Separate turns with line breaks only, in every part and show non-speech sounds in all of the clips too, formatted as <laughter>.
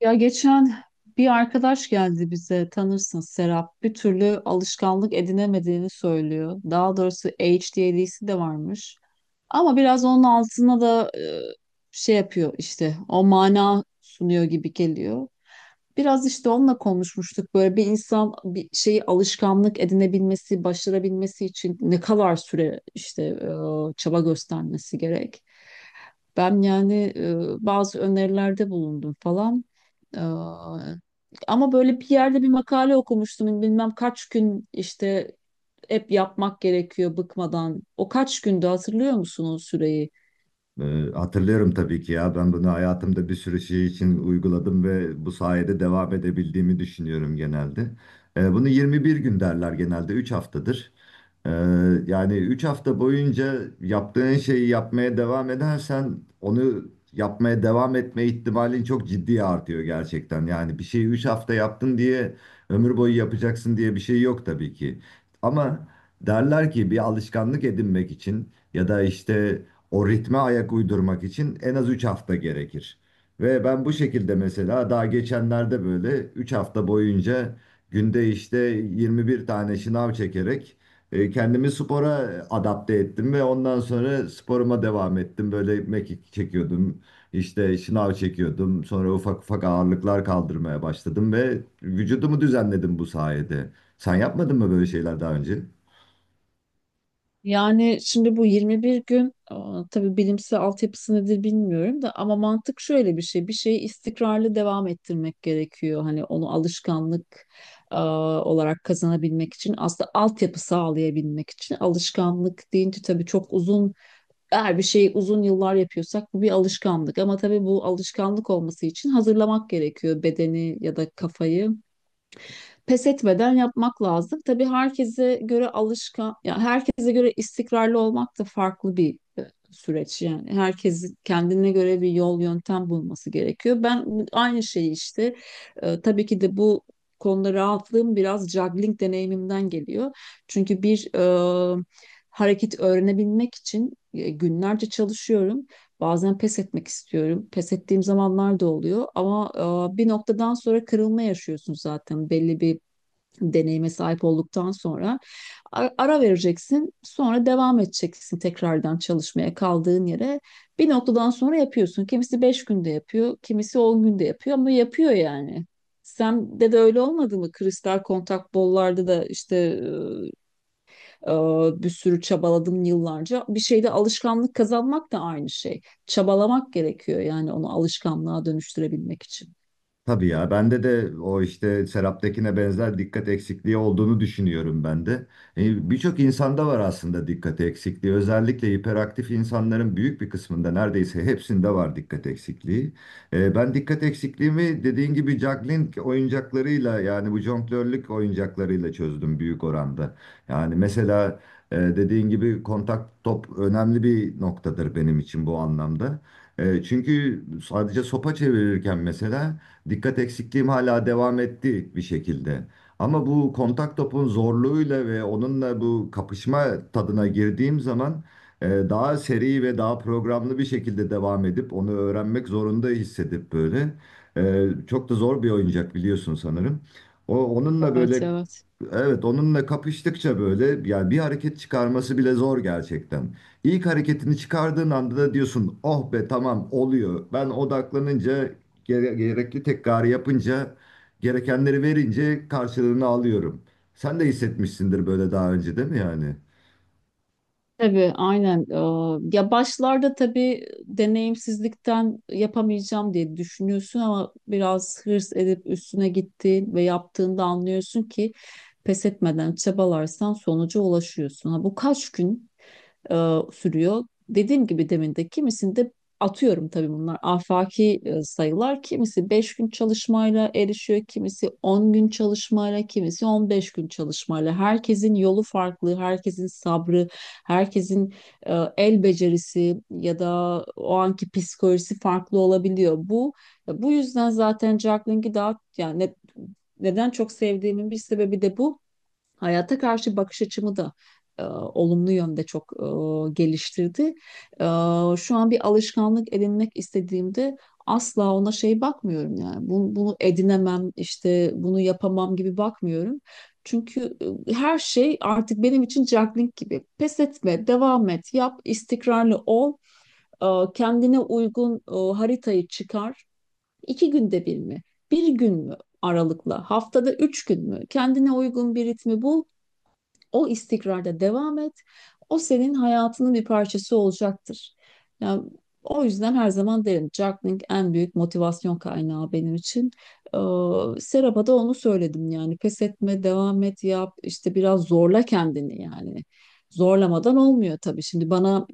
Ya geçen bir arkadaş geldi bize, tanırsın, Serap. Bir türlü alışkanlık edinemediğini söylüyor. Daha doğrusu ADHD'si de varmış. Ama biraz onun altına da şey yapıyor, işte o mana sunuyor gibi geliyor. Biraz işte onunla konuşmuştuk, böyle bir insan bir şeyi alışkanlık edinebilmesi, başarabilmesi için ne kadar süre işte çaba göstermesi gerek. Ben yani bazı önerilerde bulundum falan. Ee, ama böyle bir yerde bir makale okumuştum. Bilmem kaç gün işte hep yapmak gerekiyor bıkmadan. O kaç günde hatırlıyor musun o süreyi?
Hatırlıyorum tabii ki ya, ben bunu hayatımda bir sürü şey için uyguladım ve bu sayede devam edebildiğimi düşünüyorum genelde. Bunu 21 gün derler, genelde 3 haftadır. Ee, Yani 3 hafta boyunca yaptığın şeyi yapmaya devam edersen onu yapmaya devam etme ihtimalin çok ciddi artıyor gerçekten. Yani bir şeyi 3 hafta yaptın diye ömür boyu yapacaksın diye bir şey yok tabii ki. Ama derler ki bir alışkanlık edinmek için ya da işte o ritme ayak uydurmak için en az 3 hafta gerekir. Ve ben bu şekilde mesela daha geçenlerde böyle 3 hafta boyunca günde işte 21 tane şınav çekerek kendimi spora adapte ettim ve ondan sonra sporuma devam ettim. Böyle mekik çekiyordum, işte şınav çekiyordum. Sonra ufak ufak ağırlıklar kaldırmaya başladım ve vücudumu düzenledim bu sayede. Sen yapmadın mı böyle şeyler daha önce?
Yani şimdi bu 21 gün, tabii bilimsel altyapısı nedir bilmiyorum da, ama mantık şöyle bir şey. Bir şeyi istikrarlı devam ettirmek gerekiyor. Hani onu alışkanlık olarak kazanabilmek için, aslında altyapı sağlayabilmek için, alışkanlık deyince tabii çok uzun. Eğer bir şeyi uzun yıllar yapıyorsak bu bir alışkanlık. Ama tabii bu alışkanlık olması için hazırlamak gerekiyor bedeni ya da kafayı, pes etmeden yapmak lazım. Tabii herkese göre alışkan, ya herkese göre istikrarlı olmak da farklı bir süreç yani. Herkesin kendine göre bir yol yöntem bulması gerekiyor. Aynı şeyi işte tabii ki de bu konuda rahatlığım biraz juggling deneyimimden geliyor. Çünkü bir hareket öğrenebilmek için günlerce çalışıyorum. Bazen pes etmek istiyorum. Pes ettiğim zamanlar da oluyor ama bir noktadan sonra kırılma yaşıyorsun, zaten belli bir deneyime sahip olduktan sonra ara vereceksin. Sonra devam edeceksin tekrardan çalışmaya kaldığın yere. Bir noktadan sonra yapıyorsun. Kimisi 5 günde yapıyor, kimisi 10 günde yapıyor ama yapıyor yani. Sen de öyle olmadı mı? Kristal kontak bollarda da işte e, e, bir sürü çabaladım yıllarca. Bir şeyde alışkanlık kazanmak da aynı şey. Çabalamak gerekiyor yani, onu alışkanlığa dönüştürebilmek için.
Tabii ya, bende de o işte Serap'takine benzer dikkat eksikliği olduğunu düşünüyorum ben de. Birçok insanda var aslında dikkat eksikliği. Özellikle hiperaktif insanların büyük bir kısmında, neredeyse hepsinde var dikkat eksikliği. Ben dikkat eksikliğimi dediğin gibi juggling oyuncaklarıyla, yani bu jonglörlük oyuncaklarıyla çözdüm büyük oranda. Yani mesela dediğin gibi kontak top önemli bir noktadır benim için bu anlamda. Çünkü sadece sopa çevirirken mesela dikkat eksikliğim hala devam etti bir şekilde. Ama bu kontak topun zorluğuyla ve onunla bu kapışma tadına girdiğim zaman daha seri ve daha programlı bir şekilde devam edip onu öğrenmek zorunda hissedip böyle. Çok da zor bir oyuncak biliyorsun sanırım. O, onunla
Evet,
böyle,
evet.
evet, onunla kapıştıkça böyle, yani bir hareket çıkarması bile zor gerçekten. İlk hareketini çıkardığın anda da diyorsun oh be, tamam oluyor. Ben odaklanınca, gerekli tekrarı yapınca, gerekenleri verince karşılığını alıyorum. Sen de hissetmişsindir böyle daha önce, değil mi yani?
Tabii, aynen. Ya başlarda tabii deneyimsizlikten yapamayacağım diye düşünüyorsun, ama biraz hırs edip üstüne gittiğin ve yaptığında anlıyorsun ki pes etmeden çabalarsan sonuca ulaşıyorsun. Ha, bu kaç gün e, sürüyor? Dediğim gibi, demin de kimisinde atıyorum, tabii bunlar afaki sayılar. Kimisi 5 gün çalışmayla erişiyor, kimisi 10 gün çalışmayla, kimisi 15 gün çalışmayla. Herkesin yolu farklı, herkesin sabrı, herkesin el becerisi ya da o anki psikolojisi farklı olabiliyor. Bu yüzden zaten Jacqueline'i daha yani neden çok sevdiğimin bir sebebi de bu. Hayata karşı bakış açımı da olumlu yönde çok geliştirdi. E, şu an bir alışkanlık edinmek istediğimde asla ona şey bakmıyorum yani. Bunu edinemem, işte bunu yapamam gibi bakmıyorum. Çünkü her şey artık benim için juggling gibi. Pes etme, devam et, yap, istikrarlı ol. E, kendine uygun haritayı çıkar. İki günde bir mi? Bir gün mü aralıkla, haftada üç gün mü, kendine uygun bir ritmi bul, o istikrarda devam et. O senin hayatının bir parçası olacaktır. Yani o yüzden her zaman derim, juggling en büyük motivasyon kaynağı benim için. Ee, Serap'a da onu söyledim yani, pes etme, devam et, yap işte, biraz zorla kendini yani. Zorlamadan olmuyor tabii. Şimdi bana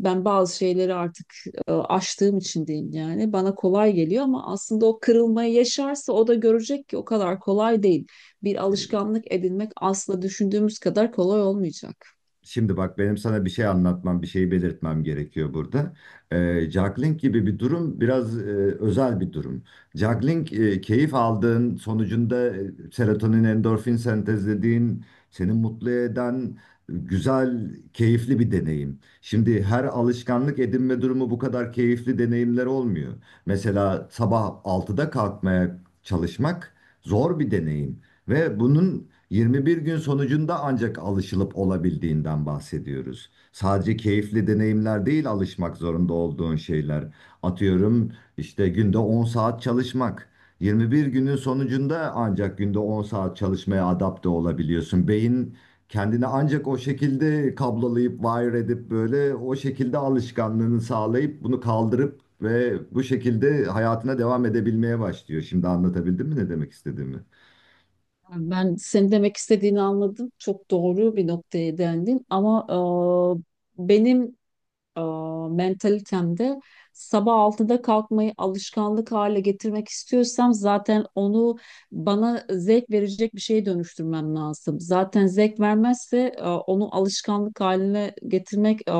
ben bazı şeyleri artık aştığım için diyeyim, yani bana kolay geliyor, ama aslında o kırılmayı yaşarsa o da görecek ki o kadar kolay değil, bir alışkanlık edinmek asla düşündüğümüz kadar kolay olmayacak.
Şimdi bak, benim sana bir şey anlatmam, bir şey belirtmem gerekiyor burada. Juggling gibi bir durum biraz özel bir durum. Juggling, keyif aldığın sonucunda serotonin, endorfin sentezlediğin, seni mutlu eden güzel, keyifli bir deneyim. Şimdi her alışkanlık edinme durumu bu kadar keyifli deneyimler olmuyor. Mesela sabah altıda kalkmaya çalışmak zor bir deneyim. Ve bunun 21 gün sonucunda ancak alışılıp olabildiğinden bahsediyoruz. Sadece keyifli deneyimler değil, alışmak zorunda olduğun şeyler. Atıyorum, işte günde 10 saat çalışmak. 21 günün sonucunda ancak günde 10 saat çalışmaya adapte olabiliyorsun. Beyin kendini ancak o şekilde kablolayıp wire edip böyle o şekilde alışkanlığını sağlayıp bunu kaldırıp ve bu şekilde hayatına devam edebilmeye başlıyor. Şimdi anlatabildim mi ne demek istediğimi?
Yani ben senin demek istediğini anladım. Çok doğru bir noktaya değindin, ama benim e, mentalitemde sabah 6'da kalkmayı alışkanlık hale getirmek istiyorsam, zaten onu bana zevk verecek bir şeye dönüştürmem lazım. Zaten zevk vermezse onu alışkanlık haline getirmek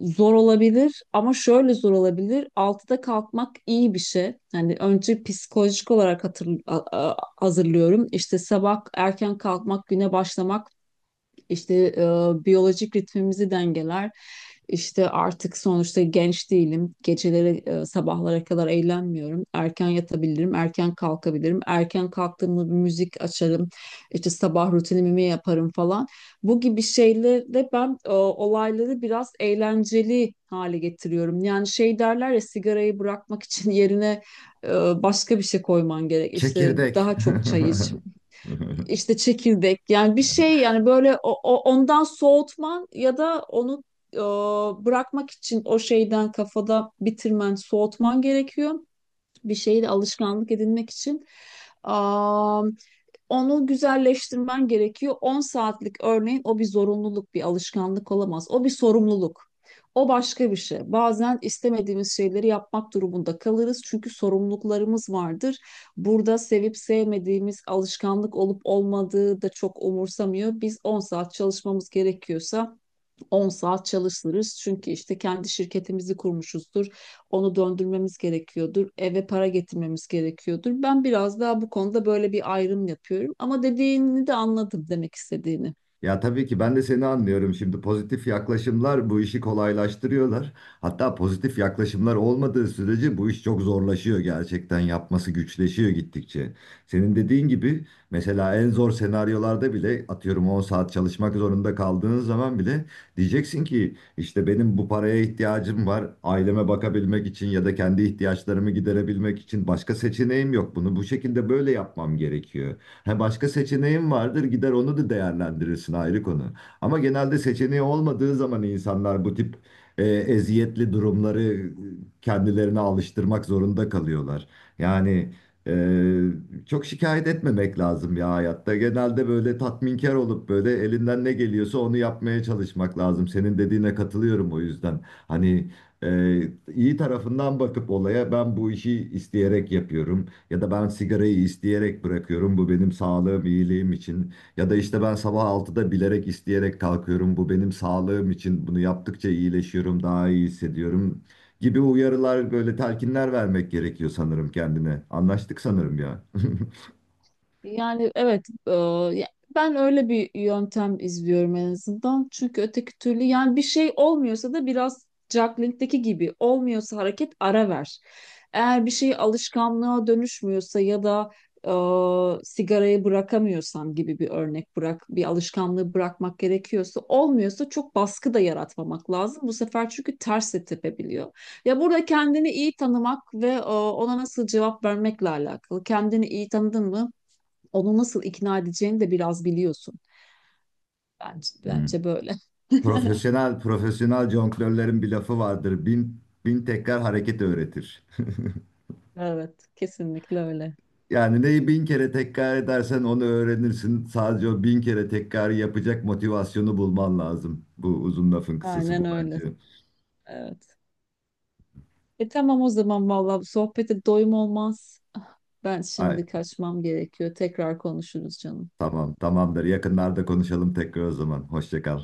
zor olabilir, ama şöyle zor olabilir. Altıda kalkmak iyi bir şey. Yani önce psikolojik olarak hazırlıyorum. İşte sabah erken kalkmak, güne başlamak işte biyolojik ritmimizi dengeler. İşte artık sonuçta genç değilim. Geceleri sabahlara kadar eğlenmiyorum. Erken yatabilirim, erken kalkabilirim. Erken kalktığımda bir müzik açarım. İşte sabah rutinimi yaparım falan. Bu gibi şeylerle ben olayları biraz eğlenceli hale getiriyorum. Yani şey derler ya, sigarayı bırakmak için <laughs> yerine e, başka bir şey koyman gerek. İşte
Çekirdek.
daha çok çay iç,
<laughs>
işte çekirdek, yani bir şey, yani böyle ondan soğutman ya da onu e, bırakmak için o şeyden kafada bitirmen, soğutman gerekiyor. Bir şeyi de alışkanlık edinmek için onu güzelleştirmen gerekiyor. 10 saatlik örneğin, o bir zorunluluk, bir alışkanlık olamaz. O bir sorumluluk. O başka bir şey. Bazen istemediğimiz şeyleri yapmak durumunda kalırız çünkü sorumluluklarımız vardır. Burada sevip sevmediğimiz, alışkanlık olup olmadığı da çok umursamıyor. Biz 10 saat çalışmamız gerekiyorsa 10 saat çalışırız. Çünkü işte kendi şirketimizi kurmuşuzdur. Onu döndürmemiz gerekiyordur. Eve para getirmemiz gerekiyordur. Ben biraz daha bu konuda böyle bir ayrım yapıyorum. Ama dediğini de anladım, demek istediğini.
Ya tabii ki ben de seni anlıyorum. Şimdi pozitif yaklaşımlar bu işi kolaylaştırıyorlar. Hatta pozitif yaklaşımlar olmadığı sürece bu iş çok zorlaşıyor gerçekten. Yapması güçleşiyor gittikçe. Senin dediğin gibi mesela en zor senaryolarda bile, atıyorum 10 saat çalışmak zorunda kaldığın zaman bile, diyeceksin ki işte benim bu paraya ihtiyacım var. Aileme bakabilmek için ya da kendi ihtiyaçlarımı giderebilmek için başka seçeneğim yok. Bunu bu şekilde böyle yapmam gerekiyor. Ha, başka seçeneğin vardır, gider onu da değerlendirirsin, ayrı konu. Ama genelde seçeneği olmadığı zaman insanlar bu tip eziyetli durumları kendilerine alıştırmak zorunda kalıyorlar. Yani e, çok şikayet etmemek lazım ya hayatta. Genelde böyle tatminkar olup böyle elinden ne geliyorsa onu yapmaya çalışmak lazım. Senin dediğine katılıyorum o yüzden. Hani e, iyi tarafından bakıp olaya, ben bu işi isteyerek yapıyorum. Ya da ben sigarayı isteyerek bırakıyorum. Bu benim sağlığım, iyiliğim için. Ya da işte ben sabah altıda bilerek, isteyerek kalkıyorum. Bu benim sağlığım için. Bunu yaptıkça iyileşiyorum, daha iyi hissediyorum gibi uyarılar, böyle telkinler vermek gerekiyor sanırım kendine. Anlaştık sanırım ya. <laughs>
Yani evet, ya- ben öyle bir yöntem izliyorum en azından. Çünkü öteki türlü yani, bir şey olmuyorsa da, biraz juggling'deki gibi olmuyorsa hareket, ara ver. Eğer bir şey alışkanlığa dönüşmüyorsa ya da sigarayı bırakamıyorsam gibi bir örnek, bırak bir alışkanlığı, bırakmak gerekiyorsa olmuyorsa çok baskı da yaratmamak lazım bu sefer, çünkü ters de tepebiliyor. Ya burada kendini iyi tanımak ve ona nasıl cevap vermekle alakalı. Kendini iyi tanıdın mı, onu nasıl ikna edeceğini de biraz biliyorsun.
Hmm.
Bence böyle. <laughs>
Profesyonel profesyonel jonglörlerin bir lafı vardır. Bin bin tekrar hareket öğretir.
Evet, kesinlikle öyle.
Yani neyi bin kere tekrar edersen onu öğrenirsin. Sadece o bin kere tekrar yapacak motivasyonu bulman lazım. Bu, uzun lafın kısası,
Aynen
bu
öyle.
bence.
Evet. E tamam, o zaman vallahi bu sohbete doyum olmaz. Ah, ben
Ay,
şimdi kaçmam gerekiyor. Tekrar konuşuruz canım.
tamam, tamamdır. Yakınlarda konuşalım tekrar o zaman. Hoşça kal.